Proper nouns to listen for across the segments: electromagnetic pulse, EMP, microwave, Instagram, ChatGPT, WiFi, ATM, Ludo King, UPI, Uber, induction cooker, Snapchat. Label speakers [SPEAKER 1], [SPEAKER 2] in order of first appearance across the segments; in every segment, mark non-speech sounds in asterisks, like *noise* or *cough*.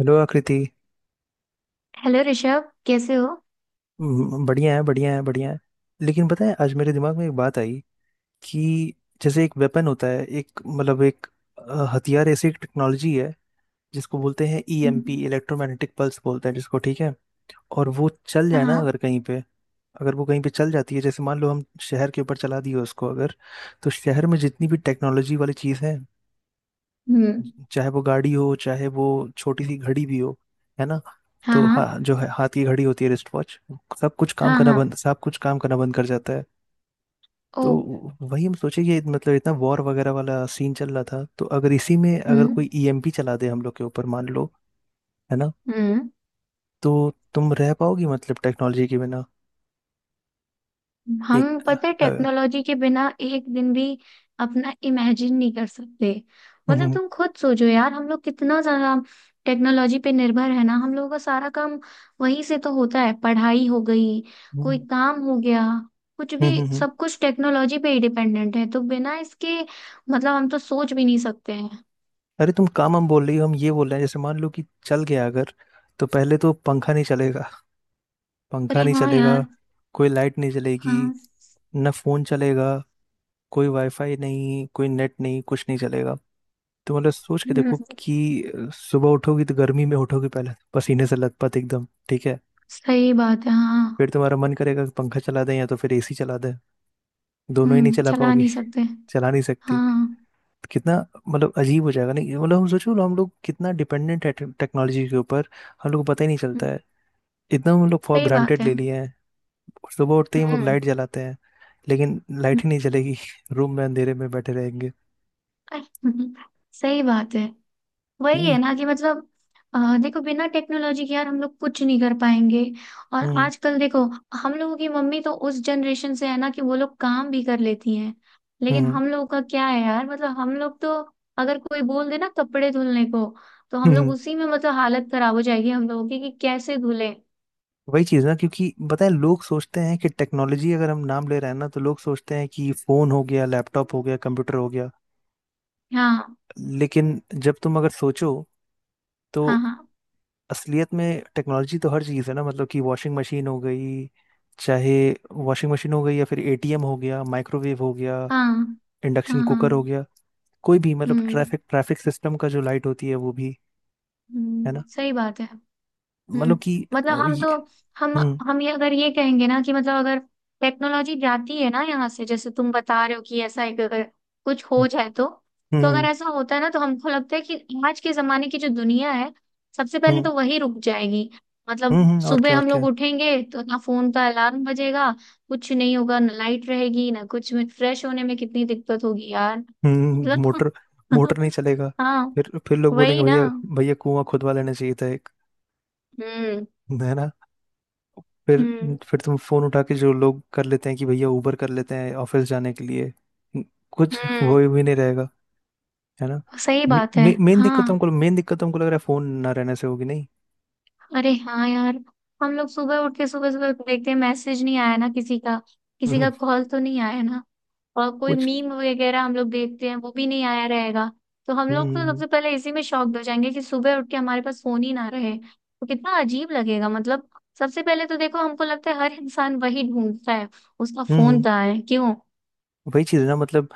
[SPEAKER 1] Hello Akriti.
[SPEAKER 2] Hello Rishabh कैसे हो।
[SPEAKER 1] बढ़िया है, बढ़िया है, बढ़िया है। लेकिन पता है, आज मेरे दिमाग में एक बात आई कि जैसे एक वेपन होता है, एक मतलब एक हथियार, ऐसी एक टेक्नोलॉजी है जिसको बोलते हैं ईएमपी,
[SPEAKER 2] हम्म।
[SPEAKER 1] इलेक्ट्रोमैग्नेटिक पल्स बोलते हैं जिसको, ठीक है? और वो चल
[SPEAKER 2] हाँ
[SPEAKER 1] जाए ना
[SPEAKER 2] हाँ।
[SPEAKER 1] अगर कहीं पे, अगर वो कहीं पे चल जाती है, जैसे मान लो हम शहर के ऊपर चला दिए उसको अगर, तो शहर में जितनी भी टेक्नोलॉजी वाली चीज़ है,
[SPEAKER 2] हम्म।
[SPEAKER 1] चाहे वो गाड़ी हो, चाहे वो छोटी सी घड़ी भी हो, है ना?
[SPEAKER 2] हाँ
[SPEAKER 1] तो
[SPEAKER 2] हाँ।
[SPEAKER 1] हाँ, जो है हाथ की घड़ी होती है, रिस्ट वॉच,
[SPEAKER 2] हाँ हाँ।
[SPEAKER 1] सब कुछ काम करना बंद कर जाता है।
[SPEAKER 2] ओ।
[SPEAKER 1] तो वही हम सोचे, ये मतलब इतना वॉर वगैरह वाला सीन चल रहा था, तो अगर इसी में अगर
[SPEAKER 2] हम्म।
[SPEAKER 1] कोई ईएमपी चला दे हम लोग के ऊपर मान लो, है ना,
[SPEAKER 2] हम्म।
[SPEAKER 1] तो तुम रह पाओगी मतलब टेक्नोलॉजी के बिना? एक
[SPEAKER 2] हम पता है
[SPEAKER 1] अ,
[SPEAKER 2] टेक्नोलॉजी के बिना एक दिन भी अपना इमेजिन नहीं कर सकते। मतलब
[SPEAKER 1] हम्म।
[SPEAKER 2] तुम खुद सोचो यार, हम लोग कितना ज्यादा टेक्नोलॉजी पे निर्भर है ना। हम लोगों का सारा काम वहीं से तो होता है। पढ़ाई हो गई,
[SPEAKER 1] हम्म।
[SPEAKER 2] कोई काम हो गया, कुछ भी,
[SPEAKER 1] हम्म।
[SPEAKER 2] सब कुछ टेक्नोलॉजी पे ही डिपेंडेंट है। तो बिना इसके मतलब हम तो सोच भी नहीं सकते हैं।
[SPEAKER 1] अरे, तुम काम हम बोल रही हो, हम ये बोल रहे हैं, जैसे मान लो कि चल गया अगर, तो पहले तो पंखा नहीं चलेगा, पंखा
[SPEAKER 2] अरे
[SPEAKER 1] नहीं
[SPEAKER 2] हाँ
[SPEAKER 1] चलेगा,
[SPEAKER 2] यार।
[SPEAKER 1] कोई लाइट नहीं चलेगी,
[SPEAKER 2] हाँ।
[SPEAKER 1] ना फोन चलेगा, कोई वाईफाई नहीं, कोई नेट नहीं, कुछ नहीं चलेगा। तो मतलब सोच के
[SPEAKER 2] हम्म।
[SPEAKER 1] देखो कि सुबह उठोगी तो गर्मी में उठोगी, पहले पसीने से लथपथ एकदम, ठीक है?
[SPEAKER 2] सही बात है
[SPEAKER 1] फिर
[SPEAKER 2] हाँ।
[SPEAKER 1] तुम्हारा मन करेगा कि पंखा चला दें या तो फिर एसी चला दें, दोनों ही नहीं
[SPEAKER 2] हम्म,
[SPEAKER 1] चला
[SPEAKER 2] चला
[SPEAKER 1] पाओगी,
[SPEAKER 2] नहीं सकते।
[SPEAKER 1] चला नहीं सकती।
[SPEAKER 2] हाँ।
[SPEAKER 1] तो कितना मतलब अजीब हो जाएगा नहीं, मतलब हम सोचो, हम लोग कितना डिपेंडेंट है टेक्नोलॉजी के ऊपर। हम लोग को पता ही नहीं
[SPEAKER 2] हम्म।
[SPEAKER 1] चलता है, इतना हम लोग फॉर
[SPEAKER 2] सही बात
[SPEAKER 1] ग्रांटेड
[SPEAKER 2] है।
[SPEAKER 1] ले लिए हैं। और सुबह उठते ही हम लोग
[SPEAKER 2] हम्म।
[SPEAKER 1] लाइट जलाते हैं, लेकिन
[SPEAKER 2] हम्म।
[SPEAKER 1] लाइट ही नहीं जलेगी *laughs* रूम में अंधेरे में बैठे रहेंगे।
[SPEAKER 2] अरे, *laughs* सही बात है। वही
[SPEAKER 1] हम्म।
[SPEAKER 2] है ना कि मतलब देखो बिना टेक्नोलॉजी के यार हम लोग कुछ नहीं कर पाएंगे। और
[SPEAKER 1] हम्म।
[SPEAKER 2] आजकल देखो हम लोगों की मम्मी तो उस जनरेशन से है ना कि वो लोग काम भी कर लेती हैं। लेकिन
[SPEAKER 1] हम्म।
[SPEAKER 2] हम लोग का क्या है यार, मतलब हम लोग तो अगर कोई बोल दे ना कपड़े धुलने को तो हम लोग
[SPEAKER 1] हम्म।
[SPEAKER 2] उसी में मतलब हालत खराब हो जाएगी हम लोगों की कि कैसे धुले।
[SPEAKER 1] वही चीज ना, क्योंकि बताए लोग सोचते हैं कि टेक्नोलॉजी अगर हम नाम ले रहे हैं ना, तो लोग सोचते हैं कि फोन हो गया, लैपटॉप हो गया, कंप्यूटर हो गया।
[SPEAKER 2] हाँ
[SPEAKER 1] लेकिन जब तुम अगर सोचो, तो
[SPEAKER 2] हाँ। हाँ
[SPEAKER 1] असलियत में टेक्नोलॉजी तो हर चीज़ है ना, मतलब कि वॉशिंग मशीन हो गई, चाहे वॉशिंग मशीन हो गई या फिर एटीएम हो गया, माइक्रोवेव हो गया,
[SPEAKER 2] हाँ।
[SPEAKER 1] इंडक्शन
[SPEAKER 2] हाँ हाँ।
[SPEAKER 1] कुकर हो गया, कोई भी मतलब,
[SPEAKER 2] हम्म।
[SPEAKER 1] ट्रैफिक ट्रैफिक सिस्टम का जो लाइट होती है वो भी। है ना?
[SPEAKER 2] सही बात है। हम्म।
[SPEAKER 1] मतलब कि
[SPEAKER 2] मतलब
[SPEAKER 1] वो
[SPEAKER 2] हम
[SPEAKER 1] ये,
[SPEAKER 2] तो। हम
[SPEAKER 1] हम्म।
[SPEAKER 2] हम ये अगर ये कहेंगे ना कि मतलब अगर टेक्नोलॉजी जाती है ना यहाँ से, जैसे तुम बता रहे हो कि ऐसा एक अगर कुछ
[SPEAKER 1] हम्म।
[SPEAKER 2] हो जाए तो। तो अगर
[SPEAKER 1] हम्म।
[SPEAKER 2] ऐसा होता है ना तो हमको लगता है कि आज के जमाने की जो दुनिया है सबसे पहले
[SPEAKER 1] हम्म।
[SPEAKER 2] तो वही रुक जाएगी। मतलब
[SPEAKER 1] और क्या,
[SPEAKER 2] सुबह
[SPEAKER 1] और
[SPEAKER 2] हम लोग
[SPEAKER 1] क्या।
[SPEAKER 2] उठेंगे तो ना फोन का अलार्म बजेगा, कुछ नहीं होगा, ना लाइट रहेगी ना कुछ, में फ्रेश होने में कितनी दिक्कत होगी यार।
[SPEAKER 1] हम्म,
[SPEAKER 2] मतलब
[SPEAKER 1] मोटर मोटर नहीं
[SPEAKER 2] *laughs*
[SPEAKER 1] चलेगा।
[SPEAKER 2] हाँ
[SPEAKER 1] फिर लोग बोलेंगे,
[SPEAKER 2] वही ना।
[SPEAKER 1] भैया, भैया कुआं खुदवा लेना चाहिए था एक,
[SPEAKER 2] हम्म।
[SPEAKER 1] है ना? फिर
[SPEAKER 2] हम्म।
[SPEAKER 1] फिर तुम फोन उठा के जो लोग कर लेते हैं कि भैया उबर कर लेते हैं ऑफिस जाने के लिए, कुछ वो
[SPEAKER 2] हम्म
[SPEAKER 1] भी नहीं रहेगा। है ना?
[SPEAKER 2] सही
[SPEAKER 1] मे,
[SPEAKER 2] बात है।
[SPEAKER 1] मे, मेन दिक्कत
[SPEAKER 2] हाँ।
[SPEAKER 1] तुमको मेन दिक्कत तुमको लग रहा है फोन ना रहने से होगी नहीं?
[SPEAKER 2] अरे हाँ यार, हम लोग सुबह उठ के सुबह सुबह देखते हैं, मैसेज नहीं आया ना किसी का, किसी
[SPEAKER 1] हम्म,
[SPEAKER 2] का कॉल तो नहीं आया ना। और कोई
[SPEAKER 1] कुछ,
[SPEAKER 2] मीम वगैरह हम लोग देखते हैं वो भी नहीं आया रहेगा। तो हम
[SPEAKER 1] हम्म,
[SPEAKER 2] लोग तो
[SPEAKER 1] हम्म,
[SPEAKER 2] सबसे पहले इसी में शॉक्ड हो जाएंगे कि सुबह उठ के हमारे पास फोन ही ना रहे तो कितना अजीब लगेगा। मतलब सबसे पहले तो देखो हमको लगता है हर इंसान वही ढूंढता है, उसका
[SPEAKER 1] हम्म,
[SPEAKER 2] फोन
[SPEAKER 1] हम्म,
[SPEAKER 2] कहाँ है क्यों।
[SPEAKER 1] वही चीज है ना मतलब।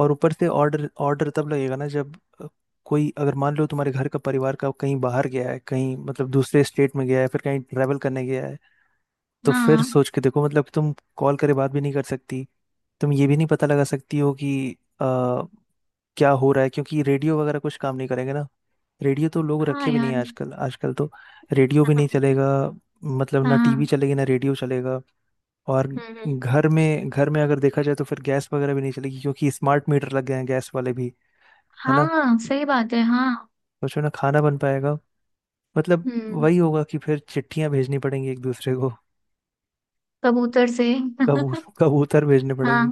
[SPEAKER 1] और ऊपर से, ऑर्डर ऑर्डर तब लगेगा ना जब कोई अगर मान लो तुम्हारे घर का, परिवार का कहीं बाहर गया है, कहीं मतलब दूसरे स्टेट में गया है, फिर कहीं ट्रैवल करने गया है, तो फिर
[SPEAKER 2] हाँ।
[SPEAKER 1] सोच के देखो मतलब, तुम कॉल करे बात भी नहीं कर सकती, तुम ये भी नहीं पता लगा सकती हो कि आ, क्या हो रहा है, क्योंकि रेडियो वगैरह कुछ काम नहीं करेंगे ना। रेडियो तो लोग
[SPEAKER 2] हाँ
[SPEAKER 1] रखे भी नहीं
[SPEAKER 2] यार
[SPEAKER 1] हैं आजकल,
[SPEAKER 2] *laughs*
[SPEAKER 1] आजकल तो रेडियो भी नहीं
[SPEAKER 2] हाँ
[SPEAKER 1] चलेगा। मतलब ना टीवी
[SPEAKER 2] हाँ।
[SPEAKER 1] चलेगी, ना रेडियो चलेगा। और
[SPEAKER 2] हम्म।
[SPEAKER 1] घर में अगर देखा जाए तो फिर गैस वगैरह भी नहीं चलेगी, क्योंकि स्मार्ट मीटर लग गए हैं गैस वाले भी। है ना?
[SPEAKER 2] हाँ सही बात है हाँ।
[SPEAKER 1] सोचो ना खाना बन पाएगा? मतलब
[SPEAKER 2] हम्म,
[SPEAKER 1] वही होगा कि फिर चिट्ठियां भेजनी पड़ेंगी एक दूसरे को।
[SPEAKER 2] कबूतर से
[SPEAKER 1] कबू कबूतर भेजने
[SPEAKER 2] *laughs* हाँ
[SPEAKER 1] पड़ेंगे।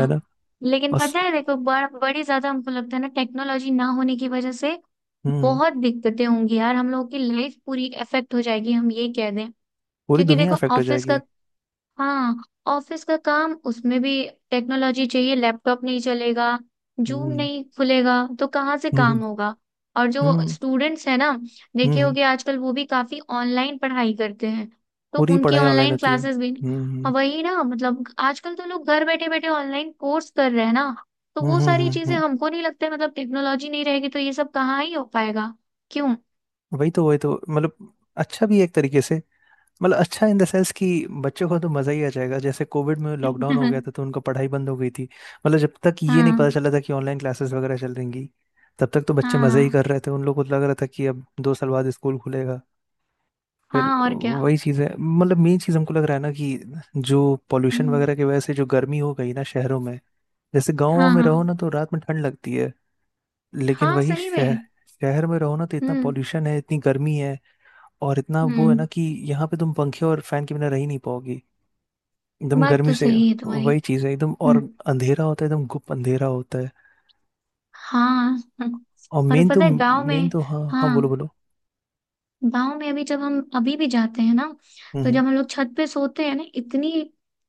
[SPEAKER 1] है ना?
[SPEAKER 2] लेकिन
[SPEAKER 1] बस,
[SPEAKER 2] पता है देखो बड़ी ज्यादा हमको लगता है ना टेक्नोलॉजी ना होने की वजह से
[SPEAKER 1] हम्म,
[SPEAKER 2] बहुत दिक्कतें होंगी यार। हम लोगों की लाइफ पूरी अफेक्ट हो जाएगी हम ये कह दें।
[SPEAKER 1] पूरी
[SPEAKER 2] क्योंकि
[SPEAKER 1] दुनिया
[SPEAKER 2] देखो
[SPEAKER 1] अफेक्ट हो
[SPEAKER 2] ऑफिस का।
[SPEAKER 1] जाएगी।
[SPEAKER 2] हाँ, ऑफिस का काम, उसमें भी टेक्नोलॉजी चाहिए। लैपटॉप नहीं चलेगा, जूम
[SPEAKER 1] हम्म।
[SPEAKER 2] नहीं खुलेगा तो कहाँ से काम
[SPEAKER 1] हम्म।
[SPEAKER 2] होगा। और जो
[SPEAKER 1] हम्म।
[SPEAKER 2] स्टूडेंट्स है ना, देखे
[SPEAKER 1] हम्म।
[SPEAKER 2] होगे आजकल वो भी काफी ऑनलाइन पढ़ाई करते हैं, तो
[SPEAKER 1] पूरी
[SPEAKER 2] उनकी
[SPEAKER 1] पढ़ाई ऑनलाइन
[SPEAKER 2] ऑनलाइन
[SPEAKER 1] होती है।
[SPEAKER 2] क्लासेस भी।
[SPEAKER 1] हम्म। हम्म।
[SPEAKER 2] हाँ, वही ना, मतलब आजकल तो लोग घर बैठे बैठे ऑनलाइन कोर्स कर रहे हैं ना। तो
[SPEAKER 1] हम्म।
[SPEAKER 2] वो
[SPEAKER 1] हम्म।
[SPEAKER 2] सारी चीजें हमको नहीं लगता है, मतलब टेक्नोलॉजी नहीं रहेगी तो ये सब कहाँ ही हो पाएगा। क्यों।
[SPEAKER 1] वही तो, वही तो मतलब, अच्छा भी है एक तरीके से, मतलब अच्छा इन द सेंस कि बच्चों को तो मजा ही आ जाएगा, जैसे कोविड में लॉकडाउन हो गया था
[SPEAKER 2] *laughs*
[SPEAKER 1] तो उनका पढ़ाई बंद हो गई थी, मतलब जब तक ये नहीं पता
[SPEAKER 2] हाँ
[SPEAKER 1] चला था कि ऑनलाइन क्लासेस वगैरह चल रही, तब तक तो बच्चे मजे ही
[SPEAKER 2] हाँ।
[SPEAKER 1] कर रहे थे, उन लोगों को लग रहा था कि अब 2 साल बाद स्कूल खुलेगा। फिर
[SPEAKER 2] हाँ और क्या।
[SPEAKER 1] वही चीज़ है मतलब, मेन चीज़ हमको लग रहा है ना कि जो पॉल्यूशन
[SPEAKER 2] हम्म।
[SPEAKER 1] वगैरह की वजह से जो गर्मी हो गई ना शहरों में, जैसे गाँव
[SPEAKER 2] हाँ
[SPEAKER 1] में रहो ना
[SPEAKER 2] हाँ।
[SPEAKER 1] तो रात में ठंड लगती है, लेकिन
[SPEAKER 2] हाँ
[SPEAKER 1] वही
[SPEAKER 2] सही
[SPEAKER 1] शहर
[SPEAKER 2] में।
[SPEAKER 1] शहर में रहो ना तो इतना
[SPEAKER 2] हम्म।
[SPEAKER 1] पॉल्यूशन है, इतनी गर्मी है, और इतना वो है ना
[SPEAKER 2] हम्म।
[SPEAKER 1] कि यहाँ पे तुम पंखे और फैन के बिना रह ही नहीं पाओगे, एकदम
[SPEAKER 2] बात
[SPEAKER 1] गर्मी
[SPEAKER 2] तो
[SPEAKER 1] से।
[SPEAKER 2] सही है तुम्हारी।
[SPEAKER 1] वही चीज है एकदम,
[SPEAKER 2] हम्म।
[SPEAKER 1] और अंधेरा होता है एकदम, गुप अंधेरा होता है,
[SPEAKER 2] हाँ। हम्म,
[SPEAKER 1] और
[SPEAKER 2] और
[SPEAKER 1] मेन तो
[SPEAKER 2] पता है गांव
[SPEAKER 1] मेन
[SPEAKER 2] में।
[SPEAKER 1] तो हाँ हाँ, बोलो
[SPEAKER 2] हाँ,
[SPEAKER 1] बोलो।
[SPEAKER 2] गांव में अभी जब हम अभी भी जाते हैं ना
[SPEAKER 1] हम्म,
[SPEAKER 2] तो जब हम लोग छत पे सोते हैं ना इतनी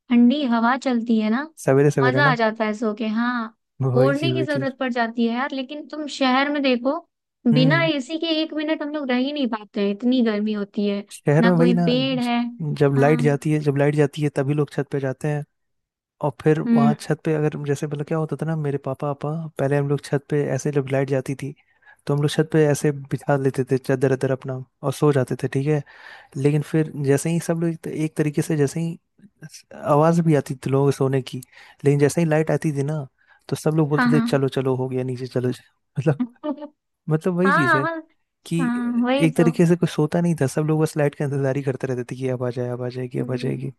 [SPEAKER 2] ठंडी हवा चलती है ना,
[SPEAKER 1] सवेरे सवेरे
[SPEAKER 2] मजा
[SPEAKER 1] ना,
[SPEAKER 2] आ जाता है सो के हाँ।
[SPEAKER 1] वही
[SPEAKER 2] ओढ़ने
[SPEAKER 1] चीज,
[SPEAKER 2] की
[SPEAKER 1] वही चीज।
[SPEAKER 2] जरूरत पड़ जाती है यार, लेकिन तुम शहर में देखो
[SPEAKER 1] हम्म,
[SPEAKER 2] बिना एसी के एक मिनट हम लोग रह ही नहीं पाते हैं, इतनी गर्मी होती है,
[SPEAKER 1] शहर
[SPEAKER 2] ना
[SPEAKER 1] में वही
[SPEAKER 2] कोई
[SPEAKER 1] ना,
[SPEAKER 2] पेड़ है।
[SPEAKER 1] जब लाइट
[SPEAKER 2] हाँ।
[SPEAKER 1] जाती है जब लाइट जाती है तभी लोग छत पे जाते हैं। और फिर वहाँ
[SPEAKER 2] हम्म।
[SPEAKER 1] छत पे अगर, जैसे मतलब क्या होता था ना, मेरे पापा पापा पहले, हम लोग छत पे ऐसे जब लाइट जाती थी, तो हम लोग छत पे ऐसे बिछा लेते थे चादर अदर अपना, और सो जाते थे, ठीक है। लेकिन फिर जैसे ही सब लोग एक तरीके से, जैसे ही आवाज भी आती थी लोगों के सोने की, लेकिन जैसे ही लाइट आती थी ना, तो सब लोग बोलते थे,
[SPEAKER 2] हाँ
[SPEAKER 1] चलो चलो, हो गया, नीचे चलो मतलब।
[SPEAKER 2] हाँ
[SPEAKER 1] मतलब
[SPEAKER 2] *laughs*
[SPEAKER 1] वही चीज
[SPEAKER 2] हाँ
[SPEAKER 1] है
[SPEAKER 2] हाँ।
[SPEAKER 1] कि
[SPEAKER 2] हाँ वही
[SPEAKER 1] एक
[SPEAKER 2] तो।
[SPEAKER 1] तरीके से कोई सोता नहीं था, सब लोग बस लाइट का इंतजार ही करते रहते थे कि अब आ जाए, अब आ जाएगी, अब आ जाएगी।
[SPEAKER 2] हम्म।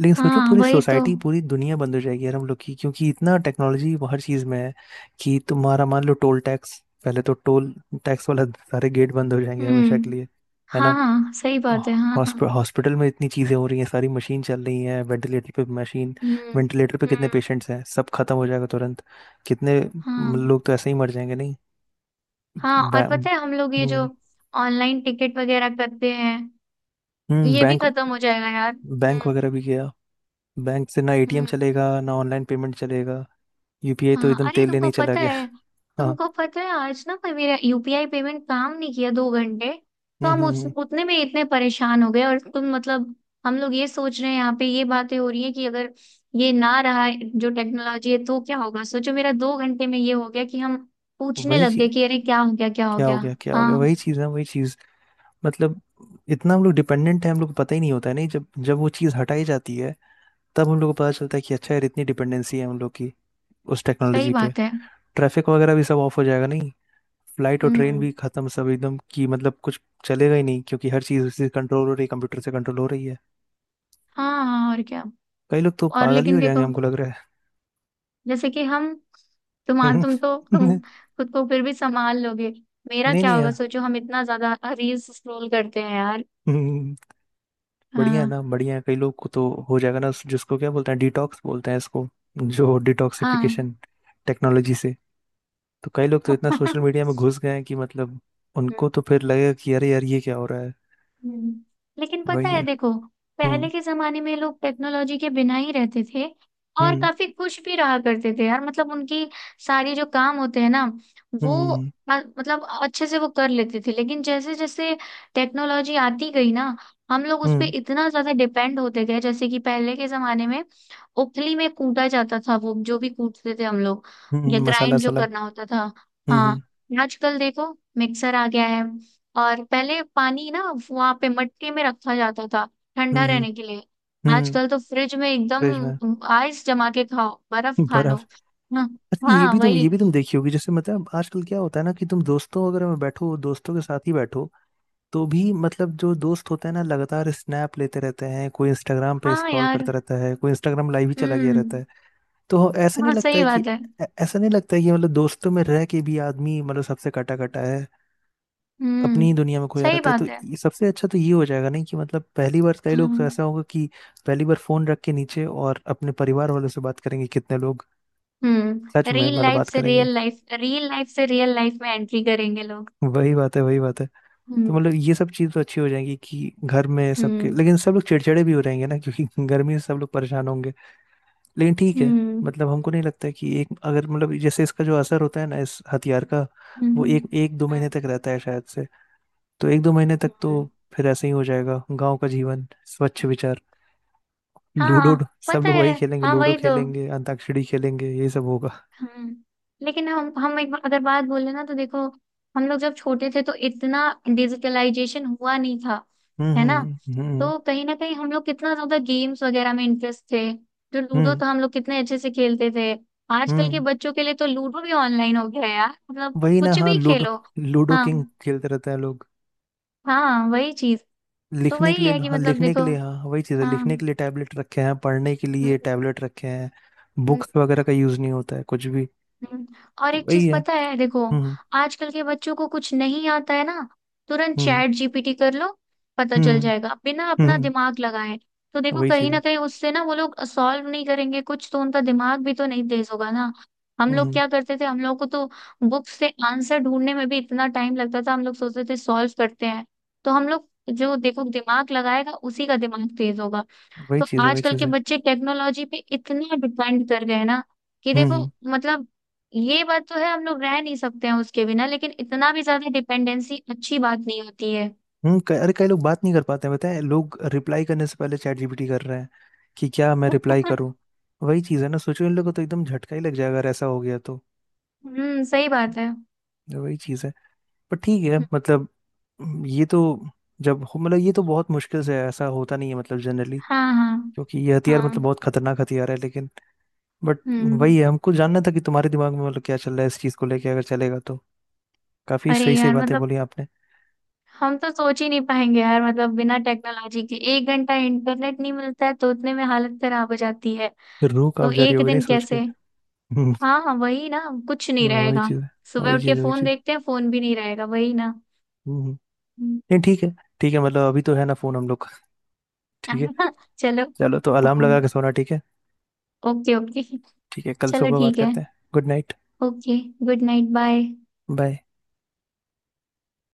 [SPEAKER 1] लेकिन सोचो
[SPEAKER 2] हाँ
[SPEAKER 1] पूरी
[SPEAKER 2] वही तो।
[SPEAKER 1] सोसाइटी, पूरी दुनिया बंद हो जाएगी यार हम लोग की, क्योंकि इतना टेक्नोलॉजी हर चीज में है कि तुम्हारा मान लो टोल टैक्स, पहले तो टोल टैक्स वाला सारे गेट बंद हो जाएंगे हमेशा के
[SPEAKER 2] हम्म।
[SPEAKER 1] लिए। है
[SPEAKER 2] हाँ
[SPEAKER 1] ना?
[SPEAKER 2] हाँ सही बात है हाँ हाँ।
[SPEAKER 1] हॉस्पिटल हॉस्पिटल में इतनी चीजें हो रही हैं, सारी मशीन चल रही है वेंटिलेटर पे, मशीन,
[SPEAKER 2] हम्म।
[SPEAKER 1] वेंटिलेटर पे कितने
[SPEAKER 2] हम्म।
[SPEAKER 1] पेशेंट्स हैं, सब खत्म हो जाएगा तुरंत। कितने
[SPEAKER 2] हाँ
[SPEAKER 1] लोग तो ऐसे ही मर जाएंगे नहीं?
[SPEAKER 2] हाँ। और पता है हम लोग ये जो
[SPEAKER 1] हम्म,
[SPEAKER 2] ऑनलाइन टिकट वगैरह करते हैं ये भी
[SPEAKER 1] बैंक
[SPEAKER 2] खत्म हो जाएगा यार।
[SPEAKER 1] बैंक
[SPEAKER 2] हम्म।
[SPEAKER 1] वगैरह भी गया। बैंक से ना एटीएम
[SPEAKER 2] हम्म।
[SPEAKER 1] चलेगा, ना ऑनलाइन पेमेंट चलेगा, यूपीआई तो
[SPEAKER 2] हाँ
[SPEAKER 1] एकदम
[SPEAKER 2] अरे
[SPEAKER 1] तेल लेने
[SPEAKER 2] तुमको
[SPEAKER 1] ही चला
[SPEAKER 2] पता
[SPEAKER 1] गया।
[SPEAKER 2] है,
[SPEAKER 1] *laughs* हाँ।
[SPEAKER 2] तुमको पता है आज ना कोई मेरा यूपीआई पेमेंट काम नहीं किया दो घंटे। तो
[SPEAKER 1] हम्म,
[SPEAKER 2] हम
[SPEAKER 1] हम्म,
[SPEAKER 2] उस उतने में इतने परेशान हो गए, और तुम मतलब, हम लोग ये सोच रहे हैं यहाँ पे, ये बातें हो रही है कि अगर ये ना रहा जो टेक्नोलॉजी है तो क्या होगा। सोचो मेरा दो घंटे में ये हो गया कि हम पूछने
[SPEAKER 1] वही
[SPEAKER 2] लग गए
[SPEAKER 1] चीज,
[SPEAKER 2] कि अरे क्या हो गया क्या हो
[SPEAKER 1] क्या हो
[SPEAKER 2] गया।
[SPEAKER 1] गया, क्या हो गया,
[SPEAKER 2] हाँ।
[SPEAKER 1] वही चीज है, वही चीज। मतलब इतना हम लोग डिपेंडेंट है, हम लोग को पता ही नहीं होता है नहीं, जब जब वो चीज हटाई जाती है, तब हम लोग को पता चलता है कि अच्छा यार इतनी डिपेंडेंसी है हम लोग की उस
[SPEAKER 2] सही
[SPEAKER 1] टेक्नोलॉजी पे।
[SPEAKER 2] बात है
[SPEAKER 1] ट्रैफिक वगैरह भी सब ऑफ हो जाएगा नहीं, फ्लाइट और ट्रेन
[SPEAKER 2] हम्म।
[SPEAKER 1] भी खत्म, सब एकदम की मतलब कुछ चलेगा ही नहीं, क्योंकि हर चीज़ उसी कंट्रोल हो रही है, कंप्यूटर से कंट्रोल हो रही है।
[SPEAKER 2] हाँ हाँ और क्या।
[SPEAKER 1] कई लोग तो
[SPEAKER 2] और
[SPEAKER 1] पागल ही
[SPEAKER 2] लेकिन
[SPEAKER 1] हो जाएंगे
[SPEAKER 2] देखो,
[SPEAKER 1] हमको लग रहा
[SPEAKER 2] जैसे कि हम,
[SPEAKER 1] है। *laughs*
[SPEAKER 2] तुम खुद को फिर भी संभाल लोगे। मेरा
[SPEAKER 1] नहीं
[SPEAKER 2] क्या
[SPEAKER 1] नहीं
[SPEAKER 2] होगा
[SPEAKER 1] यार,
[SPEAKER 2] सोचो, हम इतना ज्यादा रील्स स्क्रॉल करते हैं यार।
[SPEAKER 1] हम्म, *laughs* बढ़िया है
[SPEAKER 2] हाँ
[SPEAKER 1] ना, बढ़िया है। कई लोग को तो हो जाएगा ना, जिसको क्या बोलते हैं, डिटॉक्स बोलते हैं इसको, जो
[SPEAKER 2] हाँ।
[SPEAKER 1] डिटॉक्सिफिकेशन टेक्नोलॉजी से, तो कई लोग
[SPEAKER 2] *laughs*
[SPEAKER 1] तो इतना सोशल
[SPEAKER 2] हम्म।
[SPEAKER 1] मीडिया में घुस गए हैं कि मतलब उनको तो फिर लगेगा कि अरे यार ये क्या हो रहा है।
[SPEAKER 2] हम्म, लेकिन
[SPEAKER 1] वही
[SPEAKER 2] पता है
[SPEAKER 1] है।
[SPEAKER 2] देखो पहले
[SPEAKER 1] हम्म।
[SPEAKER 2] के जमाने में लोग टेक्नोलॉजी के बिना ही रहते थे और
[SPEAKER 1] हम्म।
[SPEAKER 2] काफी खुश भी रहा करते थे यार। मतलब उनकी सारी जो काम होते हैं ना वो
[SPEAKER 1] हम्म।
[SPEAKER 2] मतलब अच्छे से वो कर लेते थे। लेकिन जैसे जैसे टेक्नोलॉजी आती गई ना, हम लोग
[SPEAKER 1] हम्म।
[SPEAKER 2] उस पे
[SPEAKER 1] हम्म।
[SPEAKER 2] इतना ज्यादा डिपेंड होते गए। जैसे कि पहले के जमाने में उखली में कूटा जाता था, वो जो भी कूटते थे हम लोग, या
[SPEAKER 1] मसाला
[SPEAKER 2] ग्राइंड जो
[SPEAKER 1] सला
[SPEAKER 2] करना होता था।
[SPEAKER 1] हम्म,
[SPEAKER 2] हाँ।
[SPEAKER 1] हम्म,
[SPEAKER 2] आजकल देखो मिक्सर आ गया है। और पहले पानी ना वहां पे मटके में रखा जाता था
[SPEAKER 1] हम्म,
[SPEAKER 2] ठंडा
[SPEAKER 1] हम्म,
[SPEAKER 2] रहने के लिए,
[SPEAKER 1] हम्म,
[SPEAKER 2] आजकल तो फ्रिज में
[SPEAKER 1] फ्रिज में
[SPEAKER 2] एकदम आइस जमा के खाओ बर्फ खा
[SPEAKER 1] बर्फ।
[SPEAKER 2] लो। हाँ।
[SPEAKER 1] अच्छा, ये
[SPEAKER 2] हाँ
[SPEAKER 1] भी तुम
[SPEAKER 2] वही।
[SPEAKER 1] ये भी तुम देखी होगी, जैसे मतलब आजकल क्या होता है ना कि तुम दोस्तों अगर में बैठो, दोस्तों के साथ ही बैठो, तो भी मतलब जो दोस्त होते हैं ना, लगातार स्नैप लेते रहते हैं, कोई इंस्टाग्राम पे
[SPEAKER 2] हाँ
[SPEAKER 1] स्क्रॉल
[SPEAKER 2] यार।
[SPEAKER 1] करता रहता है, कोई इंस्टाग्राम लाइव ही चला गया रहता
[SPEAKER 2] हम्म।
[SPEAKER 1] है। तो
[SPEAKER 2] हाँ सही बात है।
[SPEAKER 1] ऐसा नहीं लगता है कि मतलब दोस्तों में रह के भी आदमी मतलब सबसे कटा कटा है, अपनी
[SPEAKER 2] हम्म
[SPEAKER 1] ही दुनिया में खोया
[SPEAKER 2] सही
[SPEAKER 1] रहता है। तो
[SPEAKER 2] बात है।
[SPEAKER 1] सबसे अच्छा तो ये हो जाएगा नहीं कि मतलब पहली बार, कई लोग तो
[SPEAKER 2] हाँ।
[SPEAKER 1] ऐसा होगा कि पहली बार फोन रख के नीचे और अपने परिवार वालों से बात करेंगे कितने लोग, सच
[SPEAKER 2] हम्म,
[SPEAKER 1] में
[SPEAKER 2] रियल
[SPEAKER 1] मतलब
[SPEAKER 2] लाइफ
[SPEAKER 1] बात
[SPEAKER 2] से
[SPEAKER 1] करेंगे।
[SPEAKER 2] रियल लाइफ, रियल लाइफ से रियल लाइफ में एंट्री करेंगे लोग।
[SPEAKER 1] वही बात है, वही बात है। तो
[SPEAKER 2] हम्म।
[SPEAKER 1] मतलब ये सब चीज़ तो अच्छी हो जाएंगी कि घर में सबके,
[SPEAKER 2] हम्म।
[SPEAKER 1] लेकिन सब लोग चिड़चिड़े भी हो रहेंगे ना, क्योंकि *laughs* गर्मी से सब लोग परेशान होंगे। लेकिन ठीक है
[SPEAKER 2] हम्म।
[SPEAKER 1] मतलब, हमको नहीं लगता है कि एक, अगर मतलब जैसे इसका जो असर होता है ना इस हथियार का,
[SPEAKER 2] हम्म।
[SPEAKER 1] वो
[SPEAKER 2] हम्म।
[SPEAKER 1] एक एक दो महीने
[SPEAKER 2] हम्म।
[SPEAKER 1] तक रहता है शायद से। तो एक दो महीने तक
[SPEAKER 2] हम्म।
[SPEAKER 1] तो फिर ऐसे ही हो जाएगा गांव का जीवन, स्वच्छ विचार, लूडो।
[SPEAKER 2] हाँ
[SPEAKER 1] सब
[SPEAKER 2] पता
[SPEAKER 1] लोग वही
[SPEAKER 2] है।
[SPEAKER 1] खेलेंगे,
[SPEAKER 2] हाँ
[SPEAKER 1] लूडो
[SPEAKER 2] वही तो।
[SPEAKER 1] खेलेंगे, अंताक्षरी खेलेंगे, यही सब होगा।
[SPEAKER 2] हम्म। लेकिन हम एक बार अगर बात बोले ना तो देखो हम लोग जब छोटे थे तो इतना डिजिटलाइजेशन हुआ नहीं था,
[SPEAKER 1] हम्म।
[SPEAKER 2] है ना।
[SPEAKER 1] हम्म। हम्म।
[SPEAKER 2] तो कहीं ना कहीं हम लोग कितना ज्यादा गेम्स वगैरह में इंटरेस्ट थे। जो लूडो
[SPEAKER 1] हम्म।
[SPEAKER 2] तो हम लोग कितने अच्छे से खेलते थे। आजकल के
[SPEAKER 1] हम्म।
[SPEAKER 2] बच्चों के लिए तो लूडो भी ऑनलाइन हो गया है यार, मतलब
[SPEAKER 1] वही ना,
[SPEAKER 2] कुछ
[SPEAKER 1] हाँ,
[SPEAKER 2] भी
[SPEAKER 1] लूडो
[SPEAKER 2] खेलो।
[SPEAKER 1] लूडो
[SPEAKER 2] हाँ।
[SPEAKER 1] किंग खेलते रहते हैं लोग।
[SPEAKER 2] हाँ वही चीज। तो
[SPEAKER 1] लिखने के
[SPEAKER 2] वही
[SPEAKER 1] लिए,
[SPEAKER 2] है कि
[SPEAKER 1] हाँ,
[SPEAKER 2] मतलब
[SPEAKER 1] लिखने के
[SPEAKER 2] देखो।
[SPEAKER 1] लिए हाँ वही चीज़ है,
[SPEAKER 2] हाँ।
[SPEAKER 1] लिखने के लिए टैबलेट रखे हैं, पढ़ने के लिए
[SPEAKER 2] हम्म।
[SPEAKER 1] टैबलेट रखे हैं,
[SPEAKER 2] हम्म।
[SPEAKER 1] बुक्स वगैरह का यूज नहीं होता है कुछ भी,
[SPEAKER 2] हम्म, और एक
[SPEAKER 1] वही
[SPEAKER 2] चीज
[SPEAKER 1] है।
[SPEAKER 2] पता है देखो
[SPEAKER 1] हम्म।
[SPEAKER 2] आजकल के बच्चों को कुछ नहीं आता है ना, तुरंत
[SPEAKER 1] हम्म।
[SPEAKER 2] चैट जीपीटी कर लो, पता चल
[SPEAKER 1] हम्म।
[SPEAKER 2] जाएगा बिना अपना
[SPEAKER 1] हम्म।
[SPEAKER 2] दिमाग लगाए। तो देखो
[SPEAKER 1] वही
[SPEAKER 2] कहीं
[SPEAKER 1] चीज़
[SPEAKER 2] ना
[SPEAKER 1] है,
[SPEAKER 2] कहीं उससे ना वो लोग सॉल्व नहीं करेंगे कुछ तो उनका दिमाग भी तो नहीं तेज होगा ना। हम लोग
[SPEAKER 1] हम्म,
[SPEAKER 2] क्या करते थे, हम लोग को तो बुक से आंसर ढूंढने में भी इतना टाइम लगता था, हम लोग सोचते थे सॉल्व करते हैं। तो हम लोग जो देखो दिमाग लगाएगा उसी का दिमाग तेज होगा।
[SPEAKER 1] वही
[SPEAKER 2] तो
[SPEAKER 1] चीज़ है, वही
[SPEAKER 2] आजकल
[SPEAKER 1] चीज़
[SPEAKER 2] के
[SPEAKER 1] है।
[SPEAKER 2] बच्चे टेक्नोलॉजी पे इतना डिपेंड कर गए हैं ना, कि देखो
[SPEAKER 1] हम्म,
[SPEAKER 2] मतलब ये बात तो है, हम लोग रह नहीं सकते हैं उसके बिना, लेकिन इतना भी ज्यादा डिपेंडेंसी अच्छी बात नहीं होती है।
[SPEAKER 1] हम्म, अरे कई लोग बात नहीं कर पाते हैं, बताए लोग रिप्लाई करने से पहले चैट जीपीटी कर रहे हैं कि क्या मैं रिप्लाई करूं।
[SPEAKER 2] *laughs*
[SPEAKER 1] वही चीज़ है ना, सोचो इन लोगों को तो एकदम झटका ही लग जाएगा अगर ऐसा हो गया तो।
[SPEAKER 2] सही बात है।
[SPEAKER 1] वही चीज़ है। पर ठीक है मतलब, ये तो, मतलब ये तो बहुत मुश्किल से है, ऐसा होता नहीं है मतलब जनरली,
[SPEAKER 2] हाँ हाँ
[SPEAKER 1] क्योंकि ये हथियार मतलब
[SPEAKER 2] हाँ।
[SPEAKER 1] बहुत खतरनाक हथियार है, लेकिन, बट
[SPEAKER 2] हम्म।
[SPEAKER 1] वही है, हमको जानना था कि तुम्हारे दिमाग में मतलब क्या चल रहा है इस चीज़ को लेके, अगर चलेगा तो। काफ़ी
[SPEAKER 2] अरे
[SPEAKER 1] सही सही
[SPEAKER 2] यार
[SPEAKER 1] बातें
[SPEAKER 2] मतलब
[SPEAKER 1] बोली आपने।
[SPEAKER 2] हम तो सोच ही नहीं पाएंगे यार, मतलब बिना टेक्नोलॉजी के एक घंटा इंटरनेट नहीं मिलता है तो उतने में हालत खराब हो जाती है।
[SPEAKER 1] रूह कांप
[SPEAKER 2] तो
[SPEAKER 1] जा रही
[SPEAKER 2] एक
[SPEAKER 1] होगी नहीं
[SPEAKER 2] दिन
[SPEAKER 1] सोच के। *laughs*
[SPEAKER 2] कैसे।
[SPEAKER 1] हम्म,
[SPEAKER 2] हाँ हाँ वही ना, कुछ नहीं
[SPEAKER 1] वही
[SPEAKER 2] रहेगा।
[SPEAKER 1] चीज़ है,
[SPEAKER 2] सुबह
[SPEAKER 1] वही
[SPEAKER 2] उठ के
[SPEAKER 1] चीज़ है, वही
[SPEAKER 2] फोन
[SPEAKER 1] चीज़।
[SPEAKER 2] देखते हैं, फोन भी नहीं रहेगा वही ना।
[SPEAKER 1] हम्म,
[SPEAKER 2] *laughs* हम्म।
[SPEAKER 1] नहीं, ठीक है, ठीक है मतलब, अभी तो है ना फोन हम लोग का, ठीक है।
[SPEAKER 2] हाँ, चलो।
[SPEAKER 1] चलो, तो अलार्म लगा के
[SPEAKER 2] हाँ।
[SPEAKER 1] सोना, ठीक है।
[SPEAKER 2] Okay okay.
[SPEAKER 1] ठीक है, कल
[SPEAKER 2] चलो
[SPEAKER 1] सुबह बात
[SPEAKER 2] ठीक है।
[SPEAKER 1] करते हैं। Good night.
[SPEAKER 2] Okay. Good night bye.
[SPEAKER 1] Bye.